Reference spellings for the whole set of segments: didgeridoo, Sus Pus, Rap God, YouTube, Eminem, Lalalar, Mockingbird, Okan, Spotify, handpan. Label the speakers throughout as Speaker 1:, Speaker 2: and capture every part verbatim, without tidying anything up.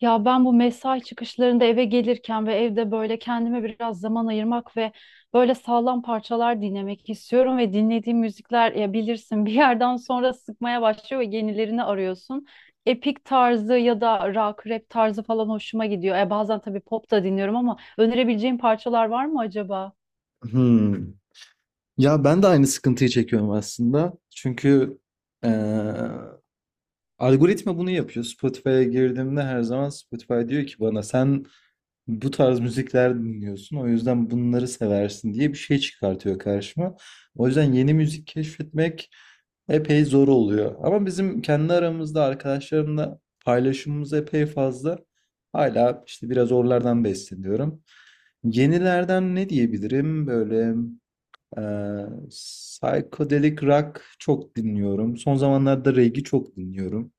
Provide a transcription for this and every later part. Speaker 1: Ya ben bu mesai çıkışlarında eve gelirken ve evde böyle kendime biraz zaman ayırmak ve böyle sağlam parçalar dinlemek istiyorum ve dinlediğim müzikler ya bilirsin bir yerden sonra sıkmaya başlıyor ve yenilerini arıyorsun. Epik tarzı ya da rock, rap tarzı falan hoşuma gidiyor. E bazen tabii pop da dinliyorum ama önerebileceğim parçalar var mı acaba?
Speaker 2: Hmm. Ya ben de aynı sıkıntıyı çekiyorum aslında. Çünkü eee, algoritma bunu yapıyor. Spotify'a girdiğimde her zaman Spotify diyor ki bana sen bu tarz müzikler dinliyorsun. O yüzden bunları seversin diye bir şey çıkartıyor karşıma. O yüzden yeni müzik keşfetmek epey zor oluyor. Ama bizim kendi aramızda arkadaşlarımla paylaşımımız epey fazla. Hala işte biraz oralardan besleniyorum. Yenilerden ne diyebilirim böyle? Ee, psychedelic rock çok dinliyorum. Son zamanlarda reggae çok dinliyorum.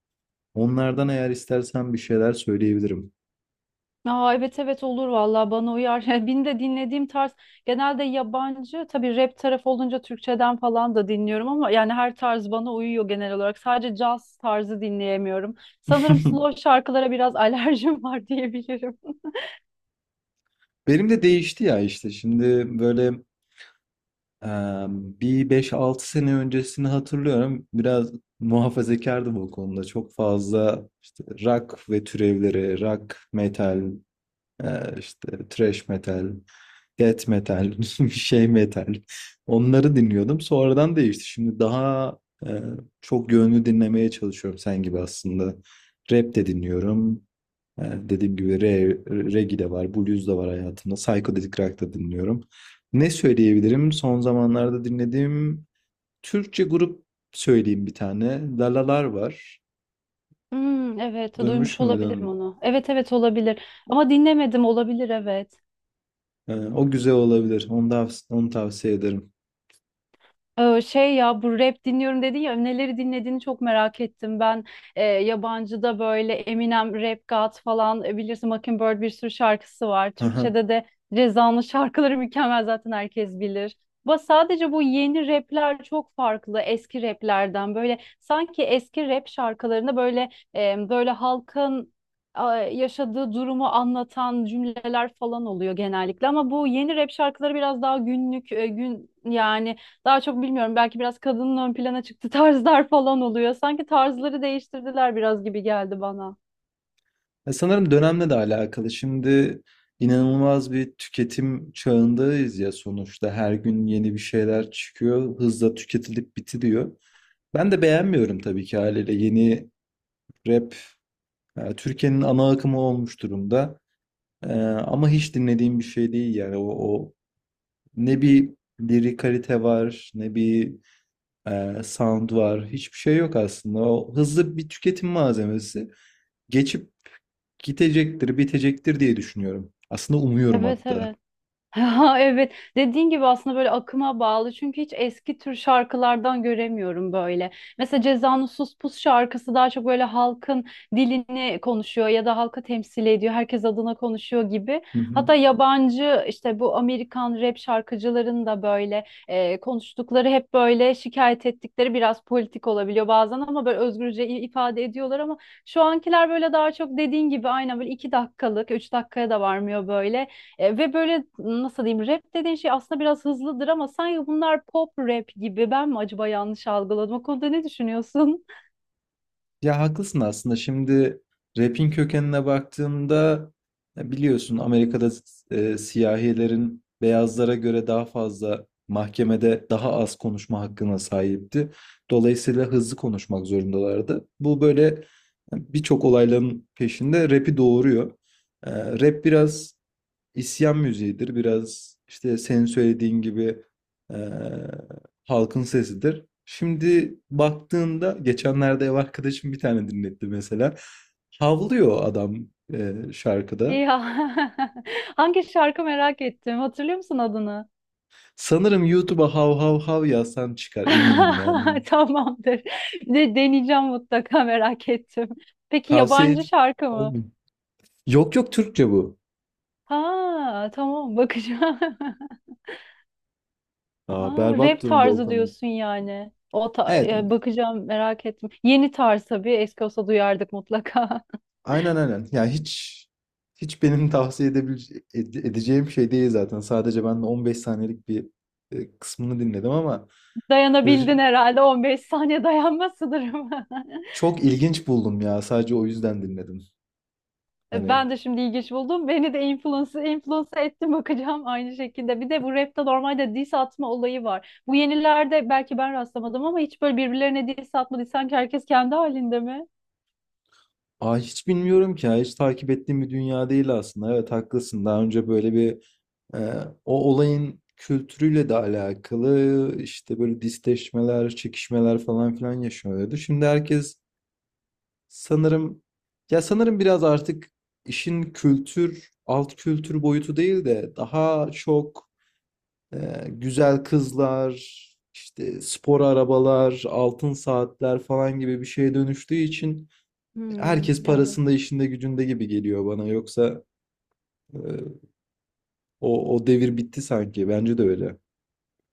Speaker 2: Onlardan eğer istersen bir şeyler söyleyebilirim.
Speaker 1: Aa, evet evet olur vallahi bana uyar. Benim de dinlediğim tarz genelde yabancı, tabii rap tarafı olunca Türkçeden falan da dinliyorum ama yani her tarz bana uyuyor genel olarak. Sadece caz tarzı dinleyemiyorum. Sanırım slow şarkılara biraz alerjim var diyebilirim.
Speaker 2: Benim de değişti ya işte şimdi böyle e, bir beş altı sene öncesini hatırlıyorum. Biraz muhafazakardım o konuda. Çok fazla işte rock ve türevleri, rock metal, e, işte thrash metal. Death metal, bir şey metal. Onları dinliyordum. Sonradan değişti. Şimdi daha e, çok yönlü dinlemeye çalışıyorum sen gibi aslında. Rap de dinliyorum. E, dediğim gibi re, reggae de var, blues da var hayatımda. Psychedelic rock da dinliyorum. Ne söyleyebilirim? Son zamanlarda dinlediğim Türkçe grup söyleyeyim bir tane. Lalalar var.
Speaker 1: Hmm, evet
Speaker 2: Duymuş
Speaker 1: duymuş olabilirim
Speaker 2: muydun?
Speaker 1: onu. Evet evet olabilir ama dinlemedim, olabilir evet.
Speaker 2: E, o güzel olabilir. Onu da, onu tavsiye ederim.
Speaker 1: Ee, Şey ya bu rap dinliyorum dedin ya, neleri dinlediğini çok merak ettim. Ben e, yabancıda böyle Eminem, Rap God falan, e, bilirsin Mockingbird, bir sürü şarkısı var. Türkçe'de de Reza'nın şarkıları mükemmel, zaten herkes bilir. Ama sadece bu yeni rapler çok farklı eski raplerden. Böyle sanki eski rap şarkılarında böyle e, böyle halkın a, yaşadığı durumu anlatan cümleler falan oluyor genellikle, ama bu yeni rap şarkıları biraz daha günlük, e, gün yani daha çok bilmiyorum, belki biraz kadının ön plana çıktı tarzlar falan oluyor. Sanki tarzları değiştirdiler biraz gibi geldi bana.
Speaker 2: Ya sanırım dönemle de alakalı. Şimdi inanılmaz bir tüketim çağındayız ya sonuçta. Her gün yeni bir şeyler çıkıyor, hızla tüketilip bitiriyor. Ben de beğenmiyorum tabii ki haliyle yeni rap e, Türkiye'nin ana akımı olmuş durumda. E, ama hiç dinlediğim bir şey değil yani o, o ne bir lirik var, ne bir e, sound var, hiçbir şey yok aslında. O hızlı bir tüketim malzemesi. Geçip gidecektir, bitecektir diye düşünüyorum. Aslında umuyorum
Speaker 1: Evet
Speaker 2: hatta.
Speaker 1: evet. Ha, evet dediğin gibi aslında böyle akıma bağlı, çünkü hiç eski tür şarkılardan göremiyorum böyle. Mesela Ceza'nın Sus Pus şarkısı daha çok böyle halkın dilini konuşuyor ya da halkı temsil ediyor. Herkes adına konuşuyor gibi.
Speaker 2: Hı hı.
Speaker 1: Hatta yabancı işte bu Amerikan rap şarkıcıların da böyle e, konuştukları hep böyle, şikayet ettikleri biraz politik olabiliyor bazen, ama böyle özgürce i- ifade ediyorlar ama şu ankiler böyle daha çok dediğin gibi aynen, böyle iki dakikalık, üç dakikaya da varmıyor böyle, e, ve böyle nasıl diyeyim, rap dediğin şey aslında biraz hızlıdır ama sanki bunlar pop rap gibi. Ben mi acaba yanlış algıladım? O konuda ne düşünüyorsun?
Speaker 2: Ya haklısın aslında. Şimdi rap'in kökenine baktığımda ya biliyorsun Amerika'da e, siyahilerin beyazlara göre daha fazla mahkemede daha az konuşma hakkına sahipti. Dolayısıyla hızlı konuşmak zorundalardı. Bu böyle birçok olayların peşinde rap'i doğuruyor. E, Rap biraz isyan müziğidir. Biraz işte senin söylediğin gibi eee, halkın sesidir. Şimdi baktığında geçenlerde ev arkadaşım bir tane dinletti mesela. Havlıyor adam eee, şarkıda.
Speaker 1: Ya hangi şarkı, merak ettim. Hatırlıyor musun adını?
Speaker 2: Sanırım YouTube'a hav hav hav yazsan çıkar eminim yani.
Speaker 1: Tamamdır. De, deneyeceğim mutlaka, merak ettim. Peki
Speaker 2: Tavsiye
Speaker 1: yabancı şarkı mı?
Speaker 2: etmiyorum. Yok yok, Türkçe bu.
Speaker 1: Ha tamam, bakacağım.
Speaker 2: Aa,
Speaker 1: Aa,
Speaker 2: berbat
Speaker 1: rap
Speaker 2: durumda
Speaker 1: tarzı
Speaker 2: Okan'ın.
Speaker 1: diyorsun yani. O ta-
Speaker 2: Evet,
Speaker 1: e, bakacağım, merak ettim. Yeni tarz tabii. Eski olsa duyardık mutlaka.
Speaker 2: aynen aynen. Ya hiç hiç benim tavsiye edebilece- ede- edeceğim şey değil zaten. Sadece ben de on beş saniyelik bir e, kısmını dinledim ama r-
Speaker 1: Dayanabildin herhalde, on beş saniye dayanma sınırım.
Speaker 2: çok ilginç buldum ya. Sadece o yüzden dinledim. Hani
Speaker 1: Ben de şimdi ilginç buldum. Beni de influence, influence ettim, bakacağım aynı şekilde. Bir de bu rapte normalde diss atma olayı var. Bu yenilerde belki ben rastlamadım ama hiç böyle birbirlerine diss atma. Sanki herkes kendi halinde mi?
Speaker 2: Aa, hiç bilmiyorum ki ya. Hiç takip ettiğim bir dünya değil aslında. Evet, haklısın. Daha önce böyle bir e, o olayın kültürüyle de alakalı işte böyle disleşmeler, çekişmeler falan filan yaşanıyordu. Şimdi herkes Sanırım ya sanırım biraz artık işin kültür, alt kültür boyutu değil de daha çok e, güzel kızlar, işte spor arabalar, altın saatler falan gibi bir şeye dönüştüğü için herkes
Speaker 1: Hmm.
Speaker 2: parasında, işinde, gücünde gibi geliyor bana. Yoksa e, o, o devir bitti sanki. Bence de öyle.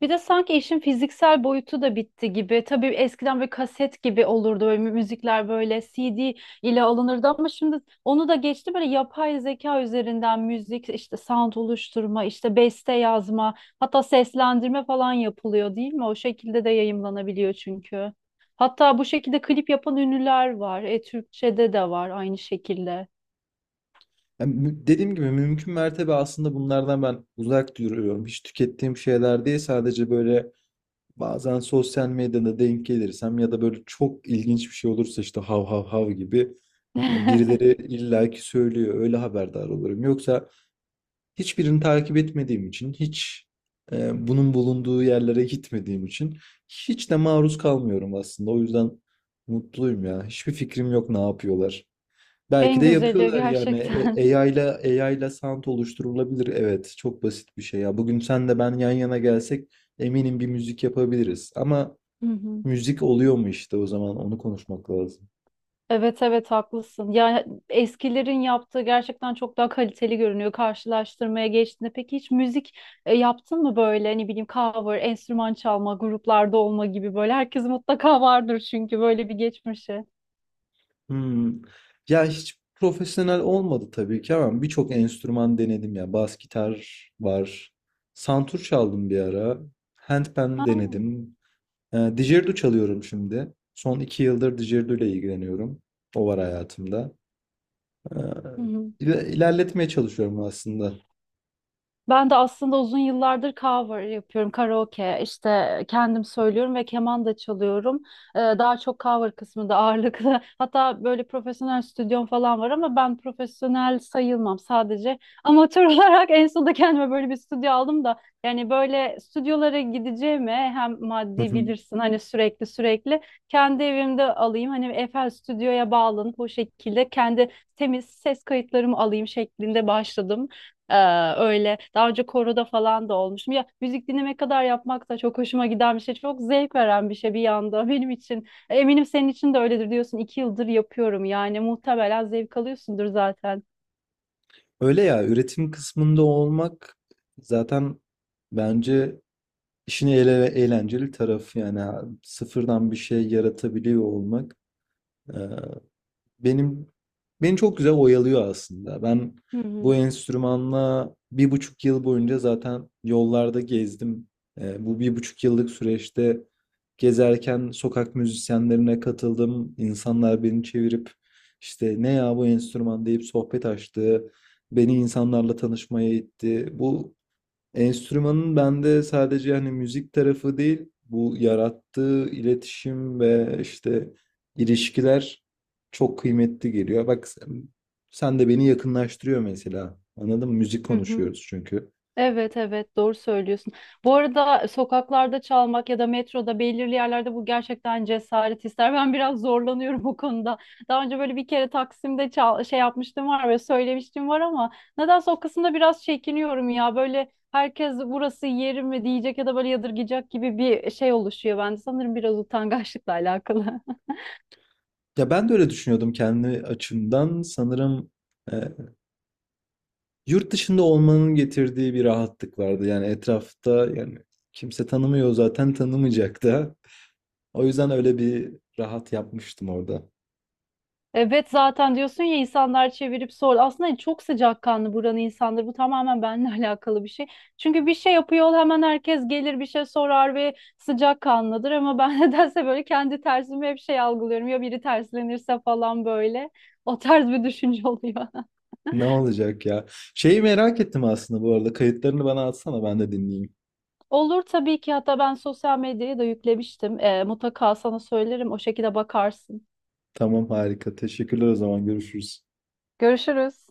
Speaker 1: Bir de sanki işin fiziksel boyutu da bitti gibi. Tabii eskiden böyle kaset gibi olurdu böyle mü- müzikler, böyle C D ile alınırdı ama şimdi onu da geçti, böyle yapay zeka üzerinden müzik işte sound oluşturma, işte beste yazma, hatta seslendirme falan yapılıyor değil mi? O şekilde de yayımlanabiliyor çünkü. Hatta bu şekilde klip yapan ünlüler var. E, Türkçe'de de var aynı şekilde.
Speaker 2: Yani mü- dediğim gibi mümkün mertebe aslında bunlardan ben uzak duruyorum. Hiç tükettiğim şeyler değil, sadece böyle bazen sosyal medyada denk gelirsem ya da böyle çok ilginç bir şey olursa işte hav hav hav gibi yani birileri illaki söylüyor. Öyle haberdar olurum. Yoksa hiçbirini takip etmediğim için, hiç e, bunun bulunduğu yerlere gitmediğim için hiç de maruz kalmıyorum aslında. O yüzden mutluyum ya. Hiçbir fikrim yok ne yapıyorlar. Belki
Speaker 1: En
Speaker 2: de
Speaker 1: güzeli
Speaker 2: yapıyorlar yani.
Speaker 1: gerçekten.
Speaker 2: E- A I ile A I ile sound oluşturulabilir. Evet, çok basit bir şey ya. Bugün sen de ben yan yana gelsek eminim bir müzik yapabiliriz. Ama
Speaker 1: Hı hı.
Speaker 2: müzik oluyor mu işte, o zaman onu konuşmak lazım.
Speaker 1: Evet evet haklısın. Ya eskilerin yaptığı gerçekten çok daha kaliteli görünüyor karşılaştırmaya geçtiğinde. Peki hiç müzik e, yaptın mı, böyle ne bileyim cover, enstrüman çalma, gruplarda olma gibi? Böyle herkes mutlaka vardır çünkü böyle bir geçmişi.
Speaker 2: Hmm. Ya hiç profesyonel olmadı tabii ki ama birçok enstrüman denedim ya. Bas gitar var. Santur çaldım bir ara. Handpan
Speaker 1: Ha.
Speaker 2: denedim. E, Didgeridoo çalıyorum şimdi. Son iki yıldır didgeridoo ile ilgileniyorum. O var hayatımda. E,
Speaker 1: Hı hı.
Speaker 2: ile- ilerletmeye çalışıyorum aslında.
Speaker 1: Ben de aslında uzun yıllardır cover yapıyorum, karaoke, işte kendim söylüyorum ve keman da çalıyorum. Ee, daha çok cover kısmında ağırlıklı. Hatta böyle profesyonel stüdyom falan var ama ben profesyonel sayılmam, sadece amatör olarak en sonunda kendime böyle bir stüdyo aldım da. Yani böyle stüdyolara gideceğime, hem maddi, bilirsin hani, sürekli sürekli kendi evimde alayım. Hani Eiffel Stüdyo'ya bağlanıp o şekilde kendi temiz ses kayıtlarımı alayım şeklinde başladım. Ee, öyle daha önce koroda falan da olmuştum. Ya müzik dinlemek kadar yapmak da çok hoşuma giden bir şey. Çok zevk veren bir şey bir yanda benim için. Eminim senin için de öyledir diyorsun. İki yıldır yapıyorum yani, muhtemelen zevk alıyorsundur zaten.
Speaker 2: Öyle ya, üretim kısmında olmak zaten bence İşin ele eğlenceli tarafı yani, ha- sıfırdan bir şey yaratabiliyor olmak e, benim beni çok güzel oyalıyor aslında. Ben
Speaker 1: Hı
Speaker 2: bu
Speaker 1: hı.
Speaker 2: enstrümanla bir buçuk yıl boyunca zaten yollarda gezdim. E, bu bir buçuk yıllık süreçte gezerken sokak müzisyenlerine katıldım. İnsanlar beni çevirip işte ne ya bu enstrüman deyip sohbet açtı. Beni insanlarla tanışmaya itti. Bu Enstrümanın bende sadece hani müzik tarafı değil, bu yarattığı iletişim ve işte ilişkiler çok kıymetli geliyor. Bak sen, sen de beni yakınlaştırıyor mesela. Anladın mı? Müzik
Speaker 1: Hı hı.
Speaker 2: konuşuyoruz çünkü.
Speaker 1: Evet evet, doğru söylüyorsun. Bu arada sokaklarda çalmak ya da metroda belirli yerlerde, bu gerçekten cesaret ister. Ben biraz zorlanıyorum bu konuda. Daha önce böyle bir kere Taksim'de çal şey yapmıştım var ve söylemiştim var ama nedense o kısımda biraz çekiniyorum ya. Böyle herkes burası yerim mi diyecek ya da böyle yadırgayacak gibi bir şey oluşuyor bende. Sanırım biraz utangaçlıkla alakalı.
Speaker 2: Ya ben de öyle düşünüyordum kendi açımdan. Sanırım e, yurt dışında olmanın getirdiği bir rahatlık vardı. Yani etrafta yani kimse tanımıyor, zaten tanımayacak da. O yüzden öyle bir rahat yapmıştım orada.
Speaker 1: Evet, zaten diyorsun ya insanlar çevirip sor. Aslında çok sıcakkanlı buranın insanları. Bu tamamen benimle alakalı bir şey. Çünkü bir şey yapıyor, hemen herkes gelir, bir şey sorar ve sıcakkanlıdır. Ama ben nedense böyle kendi tersimi hep şey algılıyorum. Ya biri terslenirse falan böyle. O tarz bir düşünce oluyor.
Speaker 2: Ne olacak ya? Şeyi merak ettim aslında bu arada. Kayıtlarını bana atsana ben de dinleyeyim.
Speaker 1: Olur tabii ki, hatta ben sosyal medyaya da yüklemiştim. Ee, mutlaka sana söylerim, o şekilde bakarsın.
Speaker 2: Tamam, harika. Teşekkürler, o zaman görüşürüz.
Speaker 1: Görüşürüz.